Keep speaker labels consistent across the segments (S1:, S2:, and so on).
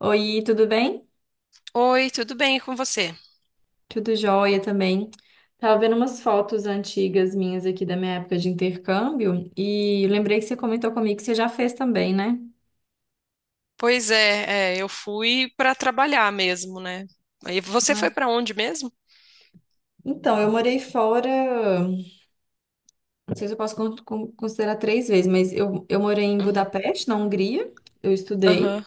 S1: Oi, tudo bem?
S2: Oi, tudo bem com você?
S1: Tudo jóia também. Tava vendo umas fotos antigas minhas aqui da minha época de intercâmbio e lembrei que você comentou comigo que você já fez também, né?
S2: Pois é, eu fui para trabalhar mesmo, né? E você foi
S1: Ai,
S2: para onde mesmo?
S1: então, eu morei fora, não sei se eu posso considerar 3 vezes, mas eu morei em
S2: Uhum.
S1: Budapeste, na Hungria, eu estudei.
S2: Aham.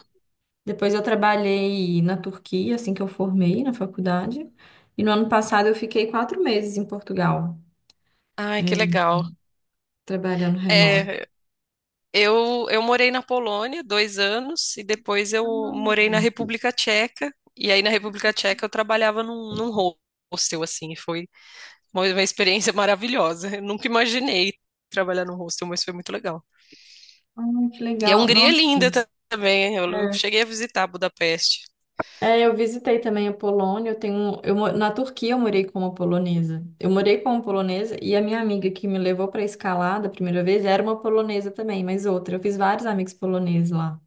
S1: Depois eu trabalhei na Turquia, assim que eu formei na faculdade. E no ano passado eu fiquei 4 meses em Portugal,
S2: Ai, que
S1: eh,
S2: legal.
S1: trabalhando remoto.
S2: É, eu morei na Polônia 2 anos e depois eu
S1: Ah,
S2: morei na República Tcheca. E aí na República Tcheca eu trabalhava num hostel, assim, e foi uma experiência maravilhosa. Eu nunca imaginei trabalhar num hostel, mas foi muito legal.
S1: ah, que
S2: E a
S1: legal.
S2: Hungria é
S1: Nossa.
S2: também, hein? Eu
S1: É,
S2: cheguei a visitar Budapeste.
S1: é, eu visitei também a Polônia. Eu tenho, eu, na Turquia eu morei como polonesa. Eu morei como polonesa e a minha amiga que me levou para escalada a primeira vez era uma polonesa também, mas outra. Eu fiz vários amigos poloneses lá.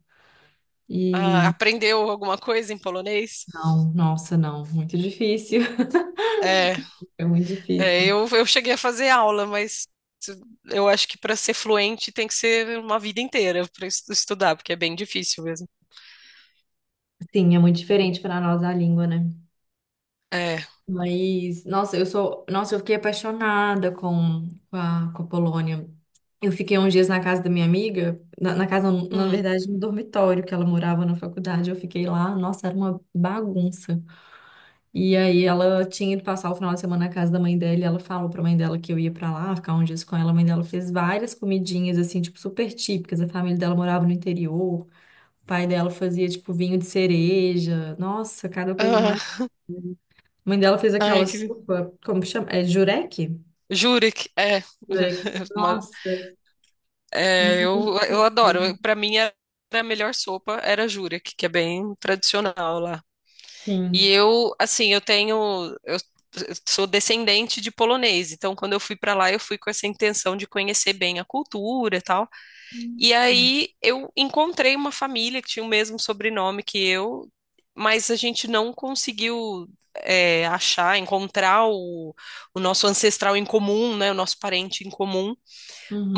S2: Ah,
S1: E
S2: aprendeu alguma coisa em polonês?
S1: não, nossa, não, muito difícil.
S2: É,
S1: É muito difícil.
S2: eu cheguei a fazer aula, mas eu acho que para ser fluente tem que ser uma vida inteira para estudar, porque é bem difícil mesmo.
S1: Sim, é muito diferente para nós a língua, né?
S2: É.
S1: Mas, nossa, eu sou, nossa, eu fiquei apaixonada com a Polônia. Eu fiquei uns dias na casa da minha amiga, na casa, não, na
S2: Hum.
S1: verdade, no dormitório que ela morava na faculdade. Eu fiquei lá, nossa, era uma bagunça. E aí ela tinha ido passar o final de semana na casa da mãe dela, e ela falou pra mãe dela que eu ia pra lá, ficar uns dias com ela. A mãe dela fez várias comidinhas assim, tipo, super típicas. A família dela morava no interior. O pai dela fazia tipo vinho de cereja. Nossa, cada coisa mais
S2: Ah,
S1: a mãe dela fez
S2: ai,
S1: aquela
S2: que...
S1: sopa, como que chama? É jurek?
S2: Jurek, é.
S1: Jurek.
S2: Uma-
S1: Nossa,
S2: é,
S1: muito bom.
S2: eu adoro. Para mim, era a melhor sopa era Jurek, que é bem tradicional lá. E
S1: Sim.
S2: eu, assim, eu sou descendente de polonês, então quando eu fui para lá, eu fui com essa intenção de conhecer bem a cultura e tal. E aí eu encontrei uma família que tinha o mesmo sobrenome que eu, mas a gente não conseguiu encontrar o nosso ancestral em comum, né, o nosso parente em comum.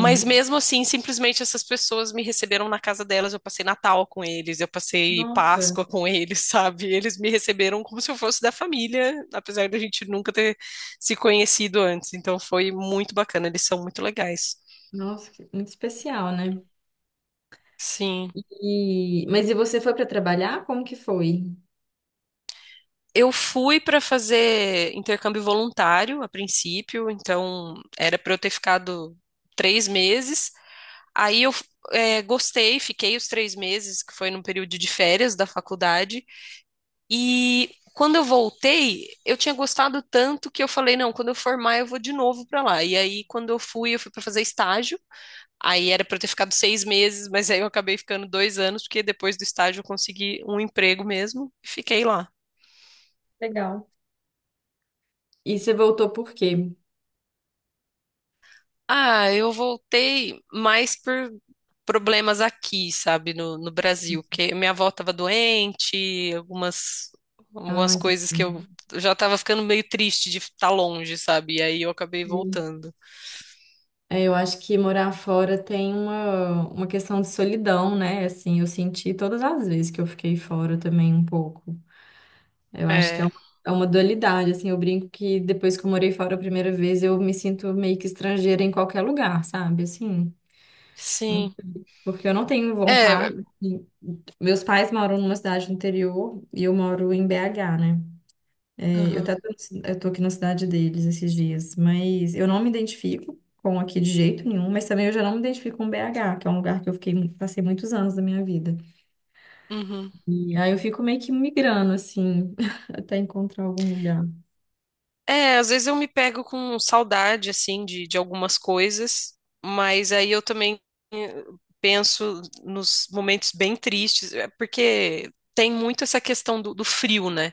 S2: Mas mesmo assim, simplesmente essas pessoas me receberam na casa delas. Eu passei Natal com eles, eu passei
S1: Nossa,
S2: Páscoa com eles, sabe? Eles me receberam como se eu fosse da família, apesar da gente nunca ter se conhecido antes. Então foi muito bacana, eles são muito legais.
S1: nossa, que- muito especial, né?
S2: Sim.
S1: E... Mas e você foi para trabalhar? Como que foi?
S2: Eu fui para fazer intercâmbio voluntário a princípio, então era para eu ter ficado 3 meses. Aí gostei, fiquei os 3 meses, que foi num período de férias da faculdade. E quando eu voltei, eu tinha gostado tanto que eu falei, não, quando eu formar eu vou de novo para lá. E aí, quando eu fui para fazer estágio. Aí era para eu ter ficado 6 meses, mas aí eu acabei ficando 2 anos, porque depois do estágio eu consegui um emprego mesmo e fiquei lá.
S1: Legal. E você voltou por quê?
S2: Ah, eu voltei mais por problemas aqui, sabe, no Brasil, porque minha avó estava doente,
S1: Ah,
S2: algumas coisas que
S1: entendi.
S2: eu já estava ficando meio triste de estar longe, sabe? E aí eu acabei
S1: Entendi.
S2: voltando.
S1: É, eu acho que morar fora tem uma questão de solidão, né? Assim, eu senti todas as vezes que eu fiquei fora também um pouco. Eu acho que
S2: É.
S1: é uma dualidade, assim, eu brinco que depois que eu morei fora a primeira vez, eu me sinto meio que estrangeira em qualquer lugar, sabe? Assim, hum,
S2: Sim.
S1: porque eu não tenho
S2: É, é,
S1: vontade. E- Meus pais moram numa cidade do interior e eu moro em BH, né? É, eu
S2: aham,
S1: até tô, eu tô aqui na cidade deles esses dias, mas eu não me identifico com aqui de jeito nenhum, mas também eu já não me identifico com BH, que é um lugar que eu fiquei, passei muitos anos da minha vida.
S2: uhum.
S1: E aí eu fico meio que migrando, assim, até encontrar algum lugar.
S2: É, às vezes eu me pego com saudade, assim, de algumas coisas, mas aí eu também eh, penso nos momentos bem tristes, é, porque tem muito essa questão do frio, né?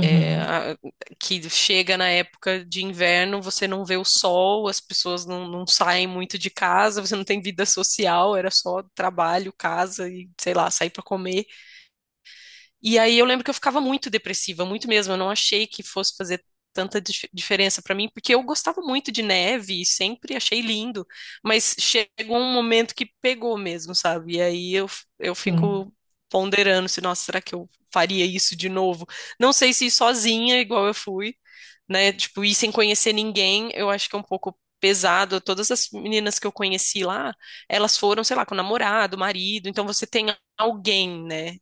S2: É, a- que chega na época de inverno, você não vê o sol, as pessoas não saem muito de casa, você não tem vida social, era só trabalho, casa e, sei lá, sair para comer. E aí eu lembro que eu ficava muito depressiva, muito mesmo. Eu não achei que fosse fazer diferença pra mim, porque eu gostava muito de neve e sempre achei lindo, mas chegou um momento que pegou mesmo, sabe? E aí eu
S1: Sim,
S2: fico ponderando se, nossa, será que eu faria isso de novo? Não sei se ir sozinha, igual eu fui, né? Tipo, ir sem conhecer ninguém, eu acho que é um pouco pesado. Todas as meninas que eu conheci lá, elas foram, sei lá, com namorado, marido, então você tem alguém, né?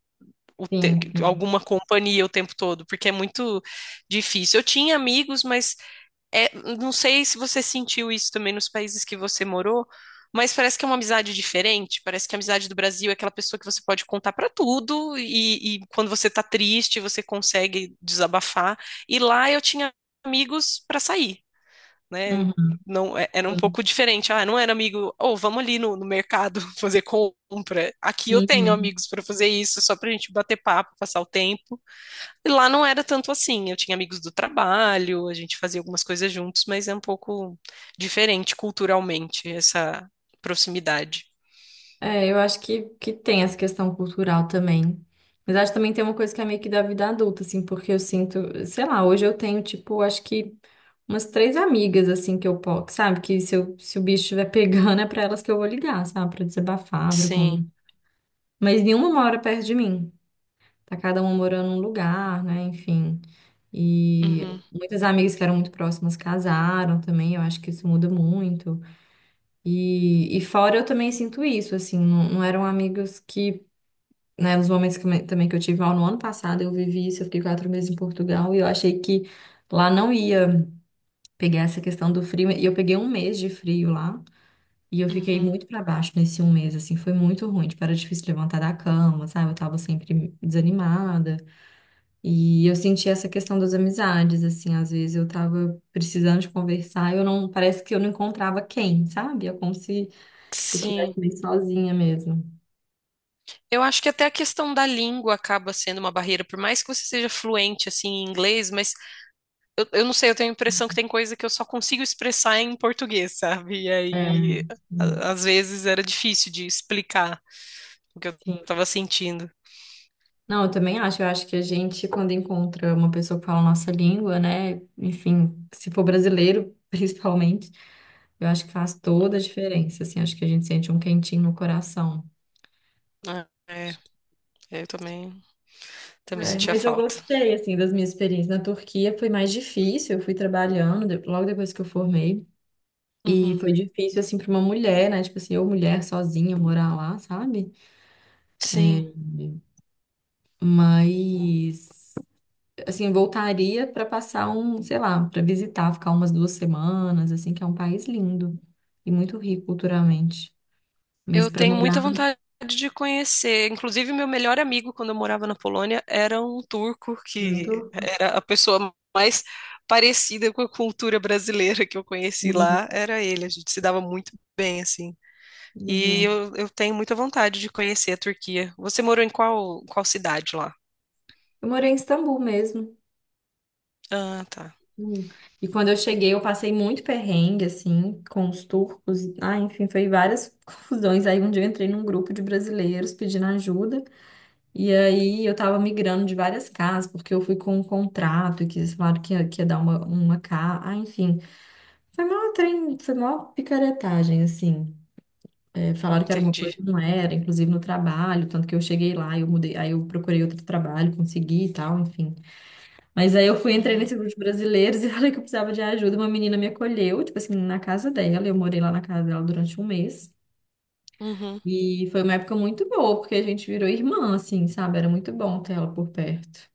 S1: sim, sim.
S2: Alguma companhia o tempo todo, porque é muito difícil. Eu tinha amigos, mas não sei se você sentiu isso também nos países que você morou, mas parece que é uma amizade diferente. Parece que a amizade do Brasil é aquela pessoa que você pode contar pra tudo e quando você tá triste, você consegue desabafar. E lá eu tinha amigos pra sair, né?
S1: Uhum,
S2: Não, era um pouco diferente. Ah, não era amigo, ou vamos ali no mercado fazer compra. Aqui eu
S1: sim,
S2: tenho
S1: uhum.
S2: amigos para fazer isso, só pra gente bater papo, passar o tempo. E lá não era tanto assim. Eu tinha amigos do trabalho, a gente fazia algumas coisas juntos, mas é um pouco diferente culturalmente essa proximidade.
S1: É, eu acho que tem essa questão cultural também. Mas acho que também tem uma coisa que é meio que da vida adulta, assim, porque eu sinto, sei lá, hoje eu tenho, tipo, acho que umas três amigas, assim, que eu posso, sabe? Que se, eu, se o bicho estiver pegando, é pra elas que eu vou ligar, sabe? Pra desabafar, pra
S2: Sim.
S1: conversar. Mas nenhuma mora perto de mim. Tá cada uma morando num lugar, né? Enfim. E
S2: Uhum,
S1: muitas amigas que eram muito próximas casaram também, eu acho que isso muda muito. E fora eu também sinto isso, assim, não, não eram amigos que, né, nos momentos que, também que eu tive mal no ano passado, eu vivi isso, eu fiquei quatro meses em Portugal e eu achei que lá não ia pegar essa questão do frio, e eu peguei 1 mês de frio lá, e eu fiquei
S2: uhum.
S1: muito para baixo nesse 1 mês, assim, foi muito ruim, tipo, era difícil levantar da cama, sabe, eu tava sempre desanimada, e eu senti essa questão das amizades, assim, às vezes eu tava precisando de conversar, e eu não, parece que eu não encontrava quem, sabe, é como se eu estivesse
S2: Sim.
S1: meio sozinha mesmo.
S2: Eu acho que até a questão da língua acaba sendo uma barreira, por mais que você seja fluente assim em inglês, mas eu não sei, eu tenho a impressão que tem coisa que eu só consigo expressar em português, sabe? E
S1: É. É.
S2: aí,
S1: hum,
S2: às vezes era difícil de explicar o que eu
S1: Sim.
S2: tava sentindo.
S1: Não, eu também acho. Eu acho que a gente, quando encontra uma pessoa que fala a nossa língua, né? Enfim, se for brasileiro, principalmente, eu acho que faz
S2: Hum.
S1: toda a diferença, assim. Acho que a gente sente um quentinho no coração.
S2: É, eu também, também
S1: É, é,
S2: sentia
S1: mas eu
S2: falta.
S1: gostei, assim, das minhas experiências. Na Turquia foi mais difícil. Eu fui trabalhando logo depois que eu formei. E
S2: Uhum.
S1: foi difícil, assim, para uma mulher, né? Tipo assim, eu mulher sozinha morar lá, sabe?
S2: Sim,
S1: Mas, assim, voltaria para passar um, sei lá, para visitar, ficar umas 2 semanas, assim, que é um país lindo e muito rico culturalmente. Mas
S2: eu
S1: para
S2: tenho
S1: morar,
S2: muita vontade de conhecer. Inclusive, meu melhor amigo, quando eu morava na Polônia, era um turco
S1: eu não
S2: que
S1: tô.
S2: era a pessoa mais parecida com a cultura brasileira que eu conheci
S1: Sim,
S2: lá. Era ele, a gente se dava muito bem, assim. E
S1: legal.
S2: eu tenho muita vontade de conhecer a Turquia. Você morou em qual cidade lá?
S1: Eu morei em Istambul mesmo.
S2: Ah, tá.
S1: Hum. E quando eu cheguei, eu passei muito perrengue, assim, com os turcos. Ah, enfim, foi várias confusões. Aí um dia eu entrei num grupo de brasileiros pedindo ajuda. E aí eu tava migrando de várias casas, porque eu fui com um contrato e que eles falaram que ia dar uma casa. Ah, enfim. Foi mó trem, foi mó picaretagem, assim. É, falaram que era uma coisa,
S2: Entendi.
S1: e não era, inclusive no trabalho, tanto que eu cheguei lá, eu mudei, aí eu procurei outro trabalho, consegui e tal, enfim. Mas aí eu fui, entrei
S2: Uhum.
S1: nesse grupo de brasileiros e falei que eu precisava de ajuda. Uma menina me acolheu, tipo assim, na casa dela, eu morei lá na casa dela durante 1 mês.
S2: Uhum.
S1: E foi uma época muito boa, porque a gente virou irmã, assim, sabe? Era muito bom ter ela por perto.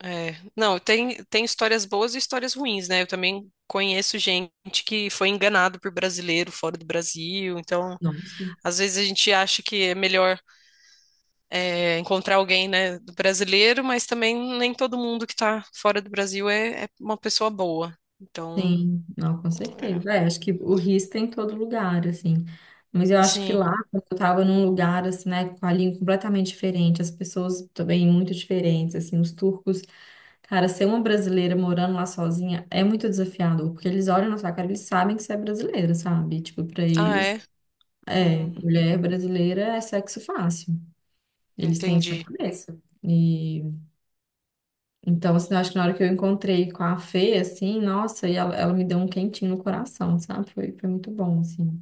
S2: É. Não, tem histórias boas e histórias ruins, né? Eu também conheço gente que foi enganado por brasileiro fora do Brasil. Então,
S1: Nossa.
S2: às vezes a gente acha que é melhor encontrar alguém, né, do brasileiro, mas também nem todo mundo que tá fora do Brasil é uma pessoa boa. Então,
S1: Sim, não, com certeza.
S2: é.
S1: É, acho que o risco tem em todo lugar, assim. Mas eu acho que
S2: Sim.
S1: lá, quando eu tava num lugar, assim, né, com a língua completamente diferente, as pessoas também muito diferentes, assim, os turcos. Cara, ser uma brasileira morando lá sozinha é muito desafiador, porque eles olham na sua cara, eles sabem que você é brasileira, sabe? Tipo, pra
S2: Ah,
S1: eles,
S2: é?
S1: é,
S2: Hum,
S1: mulher brasileira é sexo fácil. Eles têm isso na
S2: entendi.
S1: cabeça. E então, assim, eu acho que na hora que eu encontrei com a Fê, assim, nossa, e ela me deu um quentinho no coração, sabe? Foi, foi muito bom, assim.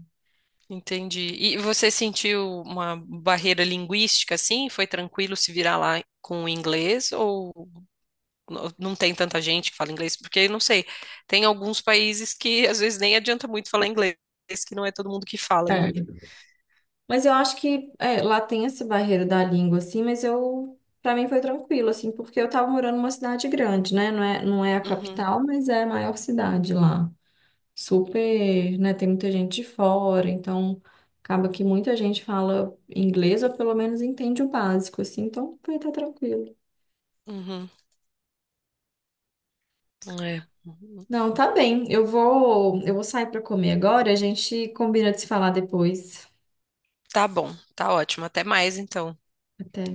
S2: Entendi. E você sentiu uma barreira linguística assim? Foi tranquilo se virar lá com o inglês? Ou não tem tanta gente que fala inglês? Porque, não sei, tem alguns países que às vezes nem adianta muito falar inglês, que não é todo mundo que fala. E...
S1: É. Mas eu acho que é, lá tem essa barreira da língua, assim, mas eu, para mim foi tranquilo, assim, porque eu tava morando numa cidade grande, né? Não é, não é a
S2: Uhum,
S1: capital, mas é a maior cidade lá. Super, né? Tem muita gente de fora, então acaba que muita gente fala inglês ou pelo menos entende o básico, assim, então foi até tranquilo.
S2: uhum, é.
S1: Não, tá bem. Eu vou sair para comer agora. A gente combina de se falar depois.
S2: Tá bom, tá ótimo. Até mais então.
S1: Até.